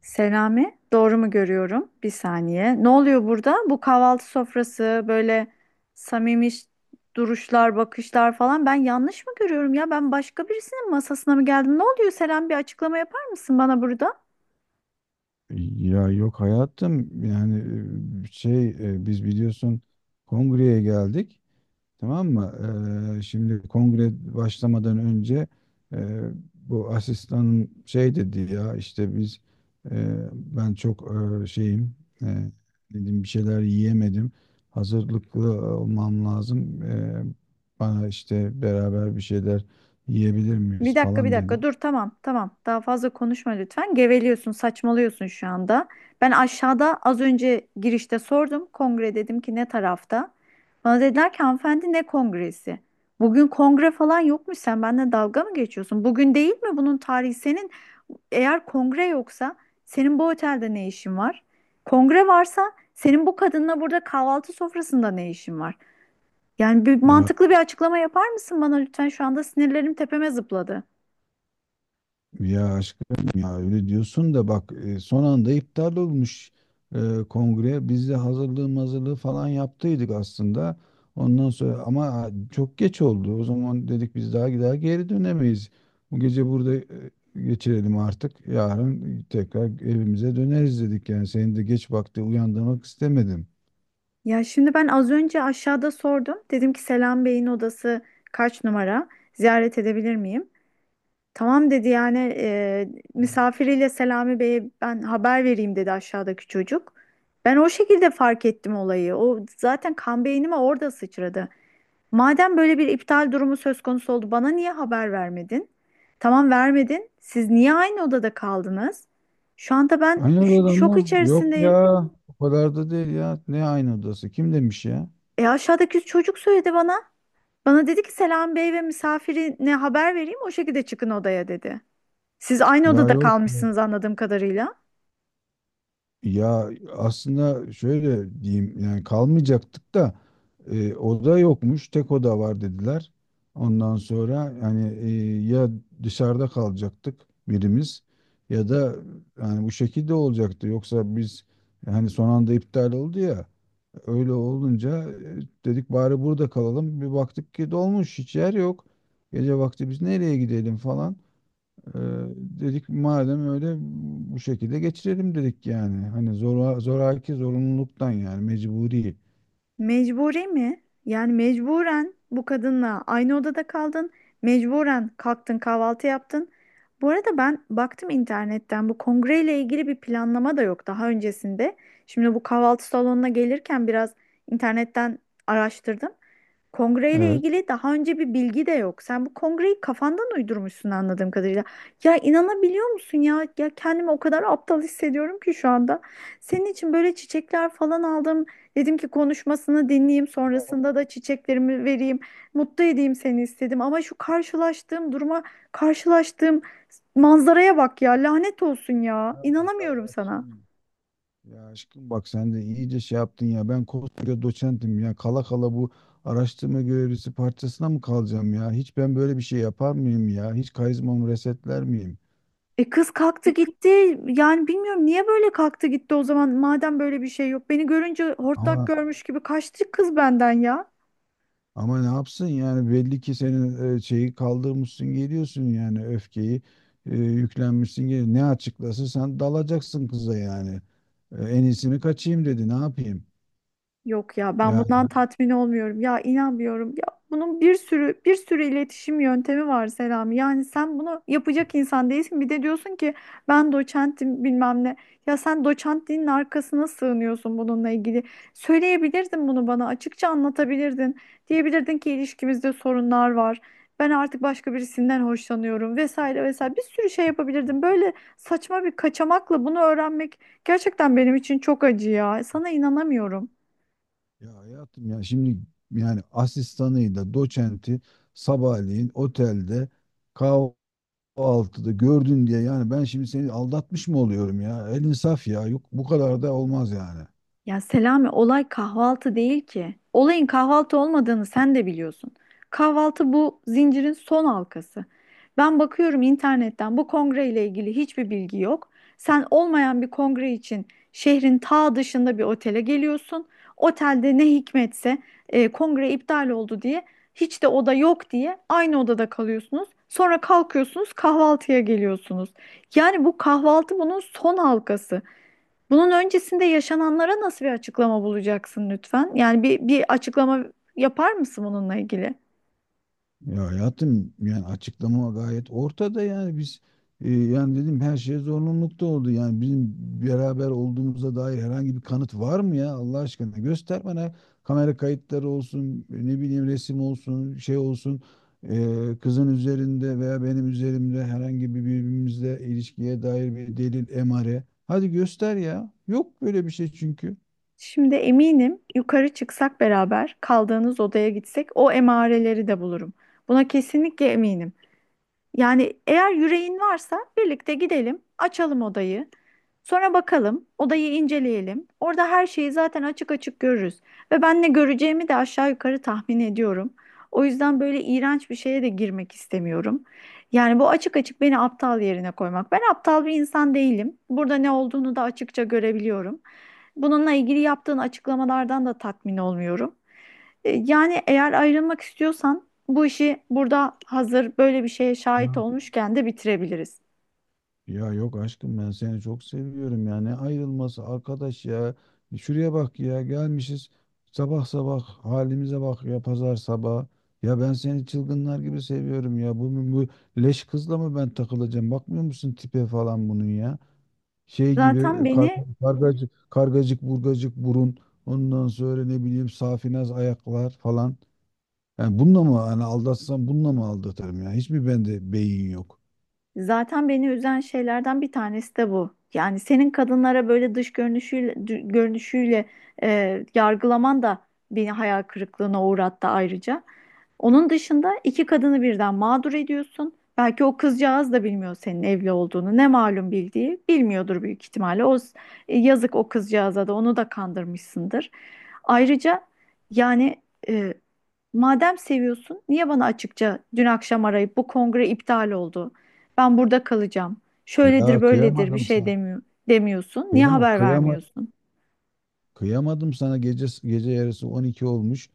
Selami, doğru mu görüyorum? Bir saniye. Ne oluyor burada? Bu kahvaltı sofrası böyle samimi duruşlar, bakışlar falan. Ben yanlış mı görüyorum ya? Ben başka birisinin masasına mı geldim? Ne oluyor Selam? Bir açıklama yapar mısın bana burada? Yok hayatım yani biz biliyorsun kongreye geldik, tamam mı? Şimdi kongre başlamadan önce e, bu asistanım şey dedi ya, işte biz, ben çok şeyim, e, dedim bir şeyler yiyemedim, hazırlıklı olmam lazım. Bana işte beraber bir şeyler yiyebilir Bir miyiz dakika bir falan dedi. dakika dur, tamam tamam, daha fazla konuşma lütfen, geveliyorsun, saçmalıyorsun şu anda. Ben aşağıda az önce girişte sordum, kongre, dedim ki ne tarafta? Bana dediler ki hanımefendi, ne kongresi? Bugün kongre falan yokmuş. Sen benimle dalga mı geçiyorsun? Bugün değil mi bunun tarihi senin? Eğer kongre yoksa senin bu otelde ne işin var? Kongre varsa senin bu kadınla burada kahvaltı sofrasında ne işin var? Yani bir Ya mantıklı bir açıklama yapar mısın bana lütfen? Şu anda sinirlerim tepeme zıpladı. Ya aşkım ya, öyle diyorsun da bak, son anda iptal olmuş e, kongre. Biz de hazırlığı falan yaptıydık aslında. Ondan sonra ama çok geç oldu. O zaman dedik biz daha geri dönemeyiz. Bu gece burada geçirelim artık. Yarın tekrar evimize döneriz dedik. Yani senin de geç vakti uyandırmak istemedim. Ya şimdi ben az önce aşağıda sordum. Dedim ki Selam Bey'in odası kaç numara? Ziyaret edebilir miyim? Tamam dedi yani, misafiriyle Selami Bey'e ben haber vereyim dedi aşağıdaki çocuk. Ben o şekilde fark ettim olayı. O zaten kan beynime orada sıçradı. Madem böyle bir iptal durumu söz konusu oldu, bana niye haber vermedin? Tamam, vermedin. Siz niye aynı odada kaldınız? Şu anda ben Aynı odada şok mı? Yok içerisindeyim. ya. O kadar da değil ya. Ne aynı odası? Kim demiş ya? E aşağıdaki çocuk söyledi bana. Bana dedi ki Selam Bey ve misafirine haber vereyim, o şekilde çıkın odaya dedi. Siz aynı Ya odada yok. kalmışsınız anladığım kadarıyla. Ya aslında şöyle diyeyim, yani kalmayacaktık da oda yokmuş, tek oda var dediler. Ondan sonra yani, ya dışarıda kalacaktık birimiz, ya da yani bu şekilde olacaktı. Yoksa biz, hani son anda iptal oldu ya, öyle olunca dedik bari burada kalalım. Bir baktık ki dolmuş, hiç yer yok. Gece vakti biz nereye gidelim falan. Ee, Dedik madem öyle, bu şekilde geçirelim dedik yani. Hani zora, zoraki, zorunluluktan, yani mecburi. Mecburi mi? Yani mecburen bu kadınla aynı odada kaldın. Mecburen kalktın, kahvaltı yaptın. Bu arada ben baktım internetten, bu kongreyle ilgili bir planlama da yok daha öncesinde. Şimdi bu kahvaltı salonuna gelirken biraz internetten araştırdım. Kongreyle Evet. ilgili daha önce bir bilgi de yok. Sen bu kongreyi kafandan uydurmuşsun anladığım kadarıyla. Ya inanabiliyor musun ya? Ya kendimi o kadar aptal hissediyorum ki şu anda. Senin için böyle çiçekler falan aldım. Dedim ki konuşmasını dinleyeyim, sonrasında da çiçeklerimi vereyim, mutlu edeyim seni istedim. Ama şu karşılaştığım duruma, karşılaştığım manzaraya bak ya. Lanet olsun ya. Ya İnanamıyorum sana. aşkım ya aşkım, bak sen de iyice şey yaptın ya. Ben koskoca doçentim ya. Kala kala bu araştırma görevlisi parçasına mı kalacağım ya? Hiç ben böyle bir şey yapar mıyım ya? Hiç karizmamı resetler miyim? E kız kalktı gitti. Yani bilmiyorum niye böyle kalktı gitti o zaman. Madem böyle bir şey yok. Beni görünce hortlak Ama görmüş gibi kaçtı kız benden ya. Ama ne yapsın yani, belli ki senin şeyi kaldırmışsın geliyorsun, yani öfkeyi yüklenmişsin geliyorsun. Ne açıklasın, sen dalacaksın kıza yani. E, en iyisini kaçayım dedi, ne yapayım? Yok ya, ben Ya, bundan tatmin olmuyorum. Ya inanmıyorum. Ya bunun bir sürü bir sürü iletişim yöntemi var Selami. Yani sen bunu yapacak insan değilsin. Bir de diyorsun ki ben doçentim bilmem ne. Ya sen doçentliğinin arkasına sığınıyorsun bununla ilgili. Söyleyebilirdin bunu bana. Açıkça anlatabilirdin. Diyebilirdin ki ilişkimizde sorunlar var. Ben artık başka birisinden hoşlanıyorum, vesaire vesaire. Bir sürü şey yapabilirdin. Böyle saçma bir kaçamakla bunu öğrenmek gerçekten benim için çok acı ya. Sana inanamıyorum. ya hayatım, ya şimdi yani asistanıyla doçenti sabahleyin otelde kahvaltıda gördün diye yani ben şimdi seni aldatmış mı oluyorum ya? El insaf ya, yok bu kadar da olmaz yani. Ya Selami, olay kahvaltı değil ki. Olayın kahvaltı olmadığını sen de biliyorsun. Kahvaltı bu zincirin son halkası. Ben bakıyorum internetten, bu kongre ile ilgili hiçbir bilgi yok. Sen olmayan bir kongre için şehrin ta dışında bir otele geliyorsun. Otelde ne hikmetse kongre iptal oldu diye, hiç de oda yok diye aynı odada kalıyorsunuz. Sonra kalkıyorsunuz kahvaltıya geliyorsunuz. Yani bu kahvaltı bunun son halkası. Bunun öncesinde yaşananlara nasıl bir açıklama bulacaksın lütfen? Yani bir açıklama yapar mısın bununla ilgili? Ya hayatım, yani açıklama gayet ortada, yani biz, yani dedim her şey zorunlulukta oldu. Yani bizim beraber olduğumuza dair herhangi bir kanıt var mı ya, Allah aşkına göster bana, kamera kayıtları olsun, ne bileyim resim olsun, şey olsun, kızın üzerinde veya benim üzerimde herhangi bir birbirimizle ilişkiye dair bir delil, emare. Hadi göster ya. Yok böyle bir şey çünkü. Şimdi eminim, yukarı çıksak, beraber kaldığınız odaya gitsek o emareleri de bulurum. Buna kesinlikle eminim. Yani eğer yüreğin varsa birlikte gidelim, açalım odayı. Sonra bakalım, odayı inceleyelim. Orada her şeyi zaten açık açık görürüz. Ve ben ne göreceğimi de aşağı yukarı tahmin ediyorum. O yüzden böyle iğrenç bir şeye de girmek istemiyorum. Yani bu açık açık beni aptal yerine koymak. Ben aptal bir insan değilim. Burada ne olduğunu da açıkça görebiliyorum. Bununla ilgili yaptığın açıklamalardan da tatmin olmuyorum. Yani eğer ayrılmak istiyorsan bu işi, burada hazır böyle bir şeye şahit olmuşken de bitirebiliriz. Ya yok aşkım, ben seni çok seviyorum ya. Ne ayrılması arkadaş ya. Şuraya bak ya, gelmişiz sabah sabah, halimize bak ya, pazar sabah. Ya ben seni çılgınlar gibi seviyorum ya. Bu leş kızla mı ben takılacağım? Bakmıyor musun tipe falan bunun ya? Şey gibi, Zaten beni kargacık burgacık burun. Ondan sonra, ne bileyim, safinaz ayaklar falan. Yani bununla mı, hani aldatsam bununla mı aldatırım ya? Hiç mi bende beyin yok? Zaten beni üzen şeylerden bir tanesi de bu. Yani senin kadınlara böyle dış görünüşüyle, görünüşüyle yargılaman da beni hayal kırıklığına uğrattı ayrıca. Onun dışında iki kadını birden mağdur ediyorsun. Belki o kızcağız da bilmiyor senin evli olduğunu. Ne malum, bildiği bilmiyordur büyük ihtimalle. Yazık o kızcağıza da, onu da kandırmışsındır. Ayrıca yani, e, madem seviyorsun, niye bana açıkça dün akşam arayıp bu kongre iptal oldu, ben burada kalacağım, şöyledir Ya böyledir bir kıyamadım şey sana. demiyor, demiyorsun. Niye Kıyamam, haber kıyamadım vermiyorsun? Kıyamadım sana, gece, gece yarısı 12 olmuş.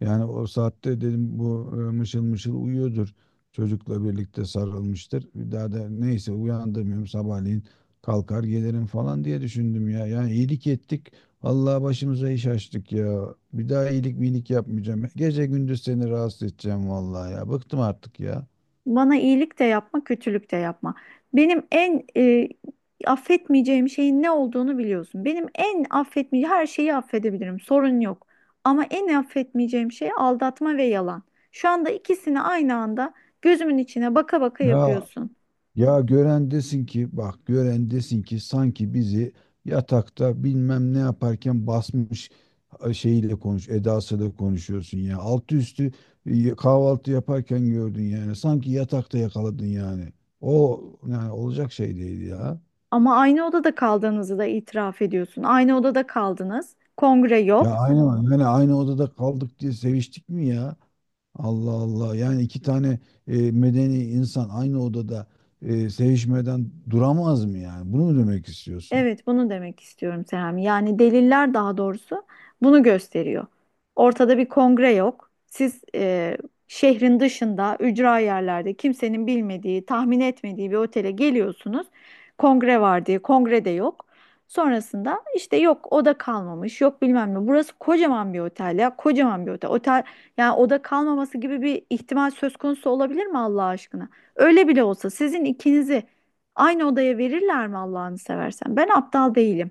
Yani o saatte dedim bu mışıl mışıl uyuyordur. Çocukla birlikte sarılmıştır. Bir daha da neyse, uyandırmıyorum, sabahleyin kalkar gelirim falan diye düşündüm ya. Yani iyilik ettik. Allah başımıza iş açtık ya. Bir daha iyilik minik yapmayacağım. Gece gündüz seni rahatsız edeceğim vallahi ya. Bıktım artık ya. Bana iyilik de yapma, kötülük de yapma. Benim en affetmeyeceğim şeyin ne olduğunu biliyorsun. Benim en affetmeyeceğim, her şeyi affedebilirim. Sorun yok. Ama en affetmeyeceğim şey aldatma ve yalan. Şu anda ikisini aynı anda gözümün içine baka baka Ya yapıyorsun. Ya gören desin ki, bak, gören desin ki sanki bizi yatakta bilmem ne yaparken basmış, şeyiyle konuş edasıyla konuşuyorsun ya. Altı üstü kahvaltı yaparken gördün yani. Sanki yatakta yakaladın yani. O, yani olacak şey değil ya. Ama aynı odada kaldığınızı da itiraf ediyorsun. Aynı odada kaldınız. Kongre Ya yok. aynı yani aynı odada kaldık diye seviştik mi ya? Allah Allah. Yani iki tane medeni insan aynı odada sevişmeden duramaz mı yani? Bunu mu demek istiyorsun? Evet, bunu demek istiyorum Serami. Yani deliller, daha doğrusu bunu gösteriyor. Ortada bir kongre yok. Siz şehrin dışında, ücra yerlerde, kimsenin bilmediği, tahmin etmediği bir otele geliyorsunuz. Kongre var diye, kongre de yok. Sonrasında işte yok oda kalmamış, yok bilmem ne. Burası kocaman bir otel ya, kocaman bir otel. Otel, yani oda kalmaması gibi bir ihtimal söz konusu olabilir mi Allah aşkına? Öyle bile olsa sizin ikinizi aynı odaya verirler mi Allah'ını seversen? Ben aptal değilim.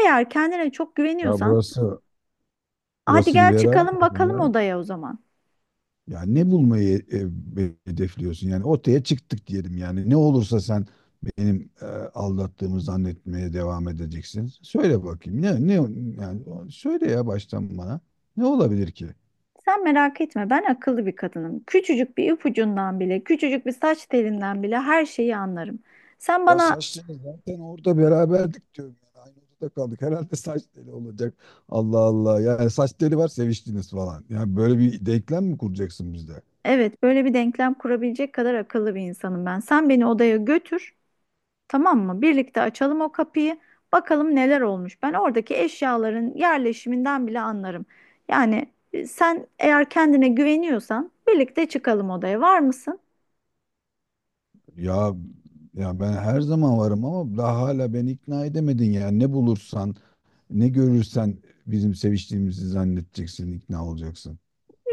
Eğer kendine çok Ya güveniyorsan, burası hadi Burası gel liberal mi çıkalım yani bakalım ya. odaya o zaman. Ya ne bulmayı hedefliyorsun? Yani ortaya çıktık diyelim yani. Ne olursa sen benim aldattığımı zannetmeye devam edeceksin. Söyle bakayım. Ne yani, söyle ya baştan bana. Ne olabilir ki? Sen merak etme, ben akıllı bir kadınım. Küçücük bir ipucundan bile, küçücük bir saç telinden bile her şeyi anlarım. Sen Ya bana saç teli, zaten orada beraberdik diyorum. Yani aynı odada kaldık. Herhalde saç teli olacak. Allah Allah. Yani saç teli var, seviştiniz falan. Yani böyle bir denklem mi kuracaksın bizde? Evet, böyle bir denklem kurabilecek kadar akıllı bir insanım ben. Sen beni odaya götür. Tamam mı? Birlikte açalım o kapıyı. Bakalım neler olmuş. Ben oradaki eşyaların yerleşiminden bile anlarım. Yani sen eğer kendine güveniyorsan birlikte çıkalım odaya. Var mısın? Ya ya ben her zaman varım, ama daha hala beni ikna edemedin, yani ne bulursan, ne görürsen bizim seviştiğimizi zannedeceksin, ikna olacaksın.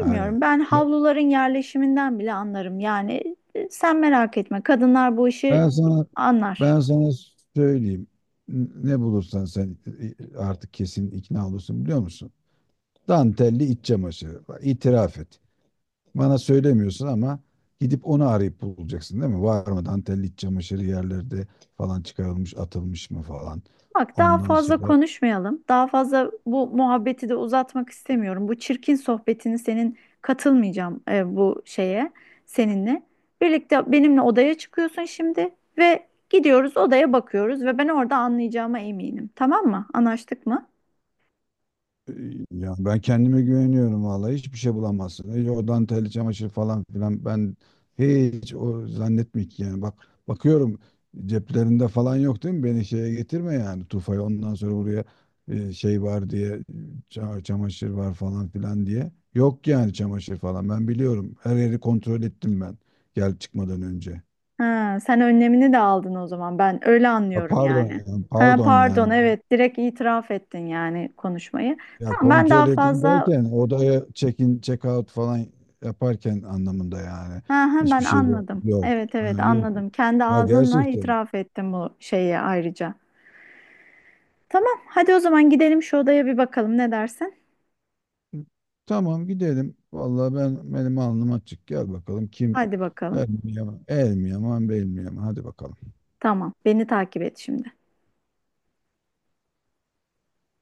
Yani Ben havluların yerleşiminden bile anlarım. Yani sen merak etme. Kadınlar bu işi ben sana anlar. ben sana söyleyeyim, ne bulursan sen, artık kesin ikna olursun biliyor musun? Dantelli iç çamaşırı. Bak, itiraf et. Bana söylemiyorsun, ama gidip onu arayıp bulacaksın değil mi? Var mı dantelli iç çamaşırı yerlerde falan, çıkarılmış, atılmış mı falan. Bak, daha Ondan fazla sonra konuşmayalım. Daha fazla bu muhabbeti de uzatmak istemiyorum. Bu çirkin sohbetini senin katılmayacağım, bu şeye seninle. Birlikte benimle odaya çıkıyorsun şimdi ve gidiyoruz odaya, bakıyoruz ve ben orada anlayacağıma eminim. Tamam mı? Anlaştık mı? Ee, Ya ben kendime güveniyorum, vallahi hiçbir şey bulamazsın. Hiç o dantel çamaşır falan filan, ben hiç o zannetmiyorum ki, yani bak bakıyorum, ceplerinde falan yok değil mi? Beni şeye getirme yani, tufaya, ondan sonra buraya şey var diye, çamaşır var falan filan diye. Yok yani, çamaşır falan ben biliyorum, her yeri kontrol ettim ben gel çıkmadan önce. Ha, sen önlemini de aldın o zaman. Ben öyle Ha, anlıyorum Pardon yani. yani, Ha, pardon pardon, yani, evet, direkt itiraf ettin yani konuşmayı. ya Tamam ben daha kontrol edin fazla derken odaya check-in, check-out falan yaparken anlamında yani. Ha, ha, ben Hiçbir şey yok. anladım. Yok. Evet Ha, evet, yok. anladım. Kendi Ya ağzınla gerçekten. itiraf ettin bu şeyi ayrıca. Tamam, hadi o zaman gidelim şu odaya bir bakalım, ne dersin? Tamam gidelim. Vallahi ben, benim alnım açık. Gel bakalım, kim Hadi bakalım. el mi yaman, el mi yaman, bel mi yaman. Hadi bakalım. Tamam, beni takip et şimdi.